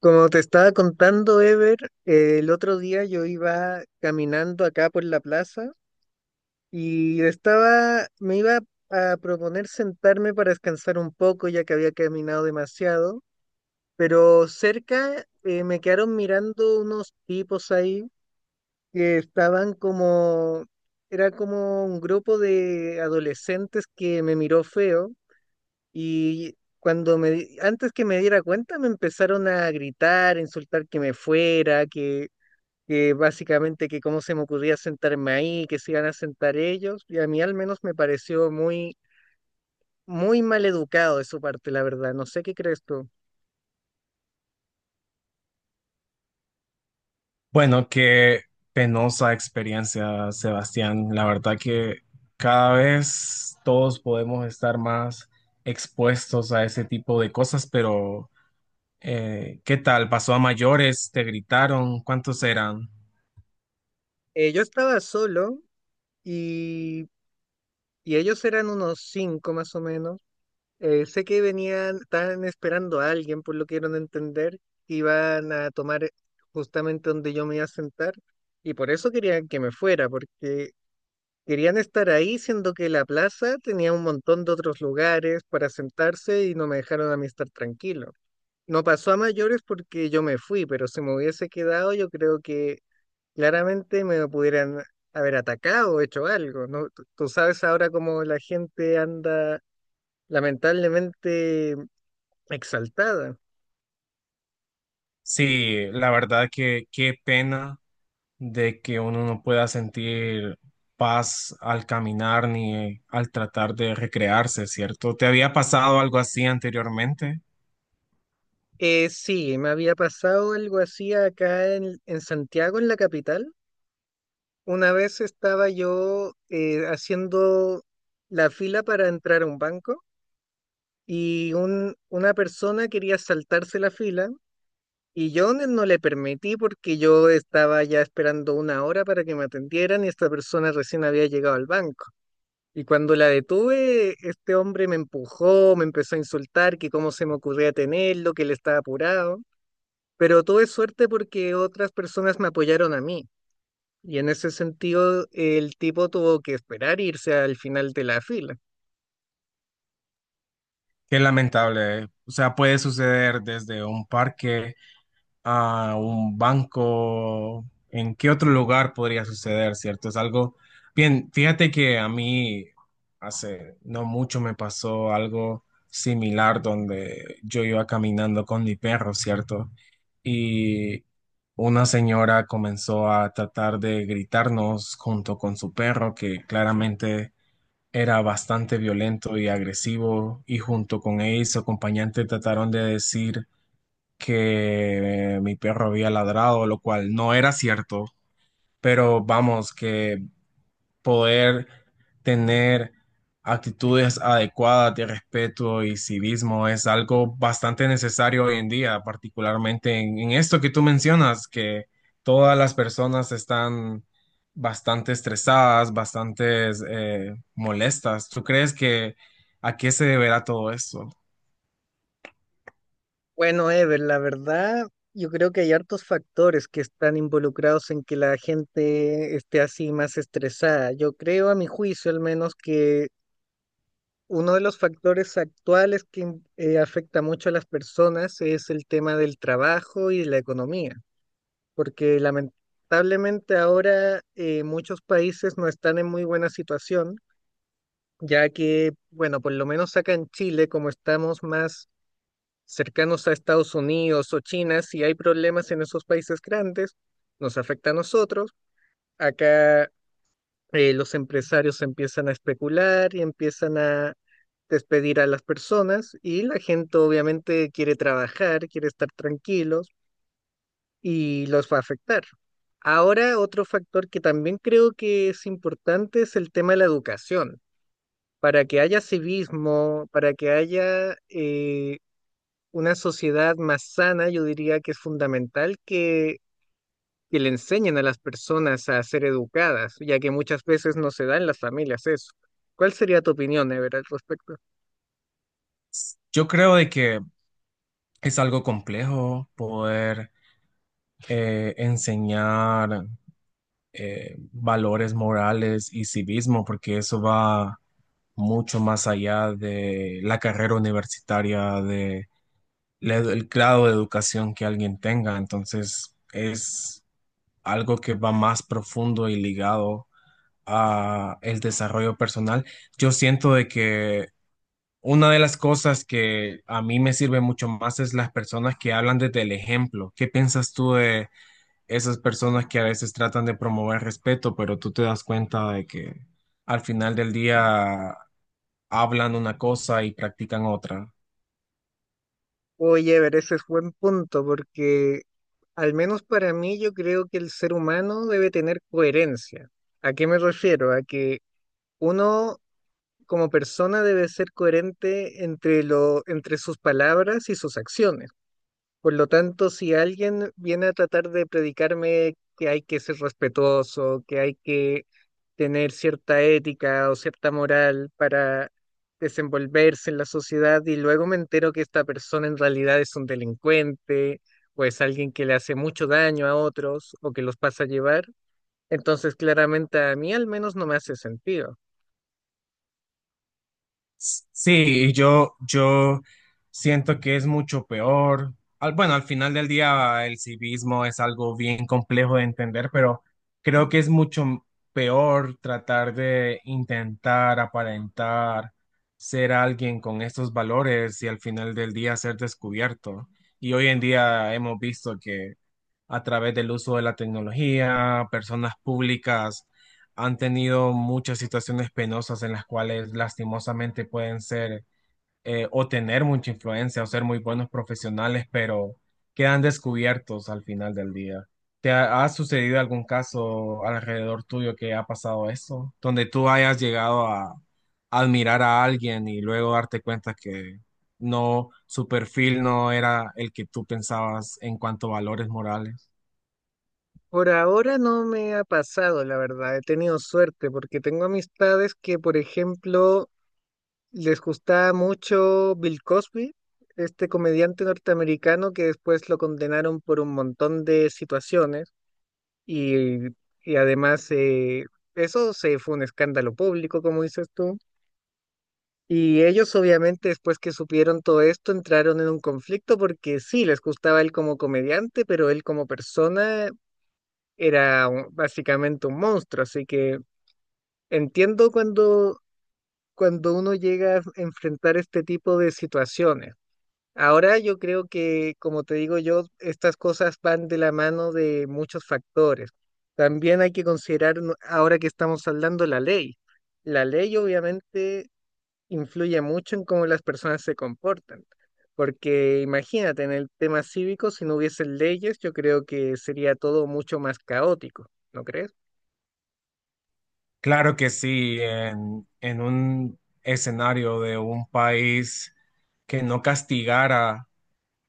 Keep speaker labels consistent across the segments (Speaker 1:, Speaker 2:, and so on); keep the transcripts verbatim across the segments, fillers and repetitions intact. Speaker 1: Como te estaba contando, Ever, eh, el otro día yo iba caminando acá por la plaza y estaba, me iba a proponer sentarme para descansar un poco ya que había caminado demasiado, pero cerca eh, me quedaron mirando unos tipos ahí que estaban como, era como un grupo de adolescentes que me miró feo y cuando me, di- antes que me diera cuenta, me empezaron a gritar, a insultar que me fuera, que, que, básicamente que cómo se me ocurría sentarme ahí, que se iban a sentar ellos. Y a mí al menos me pareció muy, muy mal educado de su parte, la verdad. No sé qué crees tú.
Speaker 2: Bueno, qué penosa experiencia, Sebastián. La verdad que cada vez todos podemos estar más expuestos a ese tipo de cosas, pero eh, ¿qué tal? ¿Pasó a mayores? ¿Te gritaron? ¿Cuántos eran?
Speaker 1: Eh, yo estaba solo y, y ellos eran unos cinco más o menos. Eh, sé que venían, estaban esperando a alguien, por lo que dieron a entender, que iban a tomar eh, justamente donde yo me iba a sentar, y por eso querían que me fuera, porque querían estar ahí, siendo que la plaza tenía un montón de otros lugares para sentarse y no me dejaron a mí estar tranquilo. No pasó a mayores porque yo me fui, pero si me hubiese quedado, yo creo que claramente me pudieran haber atacado o hecho algo, ¿no? Tú tú sabes ahora cómo la gente anda, lamentablemente, exaltada.
Speaker 2: Sí, la verdad que qué pena de que uno no pueda sentir paz al caminar ni al tratar de recrearse, ¿cierto? ¿Te había pasado algo así anteriormente?
Speaker 1: Eh, sí, me había pasado algo así acá en, en, Santiago, en la capital. Una vez estaba yo eh, haciendo la fila para entrar a un banco y un, una persona quería saltarse la fila y yo no no le permití porque yo estaba ya esperando una hora para que me atendieran y esta persona recién había llegado al banco. Y cuando la detuve, este hombre me empujó, me empezó a insultar, que cómo se me ocurría tenerlo, que él estaba apurado. Pero tuve suerte porque otras personas me apoyaron a mí. Y en ese sentido, el tipo tuvo que esperar irse al final de la fila.
Speaker 2: Qué lamentable, ¿eh? O sea, puede suceder desde un parque a un banco, ¿en qué otro lugar podría suceder, cierto? Es algo, bien, fíjate que a mí hace no mucho me pasó algo similar donde yo iba caminando con mi perro, ¿cierto? Y una señora comenzó a tratar de gritarnos junto con su perro, que claramente era bastante violento y agresivo, y junto con ella y su acompañante trataron de decir que mi perro había ladrado, lo cual no era cierto, pero vamos, que poder tener actitudes adecuadas de respeto y civismo es algo bastante necesario hoy en día, particularmente en, en esto que tú mencionas, que todas las personas están bastante estresadas, bastante molestas. ¿Tú crees que a qué se deberá todo esto?
Speaker 1: Bueno, Ever, la verdad, yo creo que hay hartos factores que están involucrados en que la gente esté así más estresada. Yo creo, a mi juicio al menos, que uno de los factores actuales que in- eh, afecta mucho a las personas es el tema del trabajo y la economía, porque lamentablemente ahora eh, muchos países no están en muy buena situación, ya que, bueno, por lo menos acá en Chile, como estamos más cercanos a Estados Unidos o China, si hay problemas en esos países grandes, nos afecta a nosotros. Acá eh, los empresarios empiezan a especular y empiezan a despedir a las personas y la gente obviamente quiere trabajar, quiere estar tranquilos y los va a afectar. Ahora, otro factor que también creo que es importante es el tema de la educación, para que haya civismo, para que haya eh, una sociedad más sana. Yo diría que es fundamental que, que, le enseñen a las personas a ser educadas, ya que muchas veces no se da en las familias eso. ¿Cuál sería tu opinión, Ever, al respecto?
Speaker 2: Yo creo de que es algo complejo poder eh, enseñar eh, valores morales y civismo, porque eso va mucho más allá de la carrera universitaria, de la edu- el grado de educación que alguien tenga. Entonces, es algo que va más profundo y ligado a el desarrollo personal. Yo siento de que una de las cosas que a mí me sirve mucho más es las personas que hablan desde el ejemplo. ¿Qué piensas tú de esas personas que a veces tratan de promover respeto, pero tú te das cuenta de que al final del día hablan una cosa y practican otra?
Speaker 1: Oye, Ever, ese es buen punto, porque, al menos para mí, yo creo que el ser humano debe tener coherencia. ¿A qué me refiero? A que uno como persona debe ser coherente entre lo, entre sus palabras y sus acciones. Por lo tanto, si alguien viene a tratar de predicarme que hay que ser respetuoso, que hay que tener cierta ética o cierta moral para desenvolverse en la sociedad y luego me entero que esta persona en realidad es un delincuente o es alguien que le hace mucho daño a otros o que los pasa a llevar, entonces claramente a mí al menos no me hace sentido.
Speaker 2: Sí, y yo, yo siento que es mucho peor. Al- bueno, al final del día el civismo es algo bien complejo de entender, pero creo que es mucho peor tratar de intentar aparentar ser alguien con estos valores y al final del día ser descubierto. Y hoy en día hemos visto a través del uso de la tecnología, personas públicas han tenido muchas situaciones penosas en las cuales lastimosamente pueden ser eh, o tener mucha influencia o ser muy buenos profesionales, pero quedan descubiertos al final del día. ¿Te ha, ha sucedido algún caso alrededor tuyo que ha pasado eso? Donde tú hayas llegado a admirar a alguien y luego darte cuenta que no, su perfil no era el que tú pensabas en cuanto a valores morales.
Speaker 1: Por ahora no me ha pasado, la verdad, he tenido suerte porque tengo amistades que, por ejemplo, les gustaba mucho Bill Cosby, este comediante norteamericano que después lo condenaron por un montón de situaciones y, y, además eh, eso se fue un escándalo público, como dices tú. Y ellos obviamente después que supieron todo esto entraron en un conflicto porque sí, les gustaba él como comediante, pero él como persona era un- básicamente un monstruo, así que entiendo cuando, cuando uno llega a enfrentar este tipo de situaciones. Ahora yo creo que, como te digo yo, estas cosas van de la mano de muchos factores. También hay que considerar, no- ahora que estamos hablando, la ley. La ley obviamente influye mucho en cómo las personas se comportan, porque imagínate, en el tema cívico, si no hubiesen leyes, yo creo que sería todo mucho más caótico, ¿no crees?
Speaker 2: Claro que sí, en, en un escenario de un país que no castigara,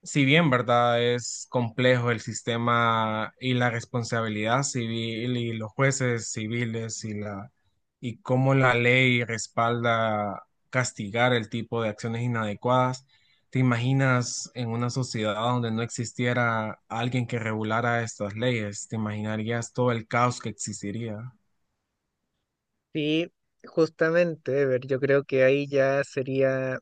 Speaker 2: si bien, ¿verdad? Es complejo el sistema y la responsabilidad civil y los jueces civiles y la y cómo la ley respalda castigar el tipo de acciones inadecuadas. ¿Te imaginas en una sociedad donde no existiera alguien que regulara estas leyes? ¿Te imaginarías todo el caos que existiría?
Speaker 1: Sí, justamente, Ever, yo creo que ahí ya sería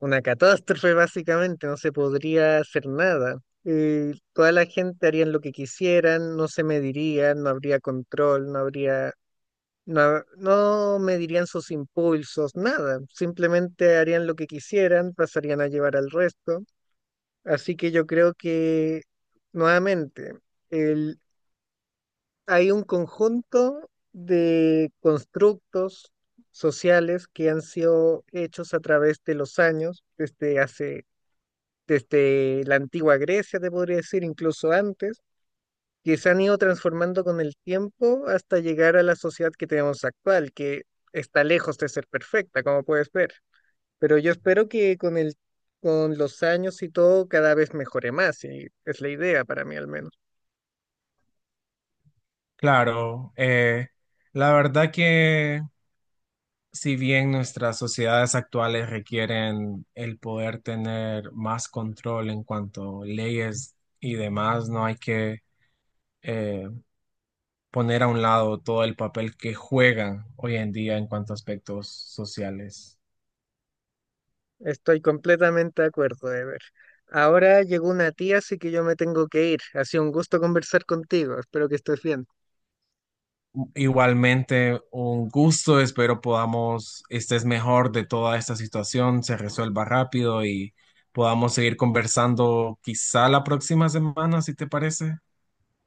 Speaker 1: una catástrofe, básicamente. No se podría hacer nada. Eh, toda la gente harían lo que quisieran, no se medirían, no habría control, no habría, no, ha- no medirían sus impulsos, nada. Simplemente harían lo que quisieran, pasarían a llevar al resto. Así que yo creo que, nuevamente, el, hay un conjunto de constructos sociales que han sido hechos a través de los años, desde hace desde la antigua Grecia, te podría decir, incluso antes, que se han ido transformando con el tiempo hasta llegar a la sociedad que tenemos actual, que está lejos de ser perfecta, como puedes ver. Pero yo espero que con el, con los años y todo cada vez mejore más, y es la idea para mí al menos.
Speaker 2: Claro, eh, la verdad que si bien nuestras sociedades actuales requieren el poder tener más control en cuanto a leyes y demás, no hay que eh, poner a un lado todo el papel que juegan hoy en día en cuanto a aspectos sociales.
Speaker 1: Estoy completamente de acuerdo, ver. Ahora llegó una tía, así que yo me tengo que ir. Ha sido un gusto conversar contigo. Espero que estés bien.
Speaker 2: Igualmente, un gusto. Espero podamos, estés mejor de toda esta situación, se resuelva rápido y podamos seguir conversando quizá la próxima semana, si te parece.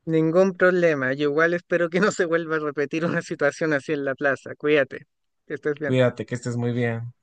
Speaker 1: Ningún problema. Yo igual espero que no se vuelva a repetir una situación así en la plaza. Cuídate. Que estés bien.
Speaker 2: Cuídate, que estés muy bien.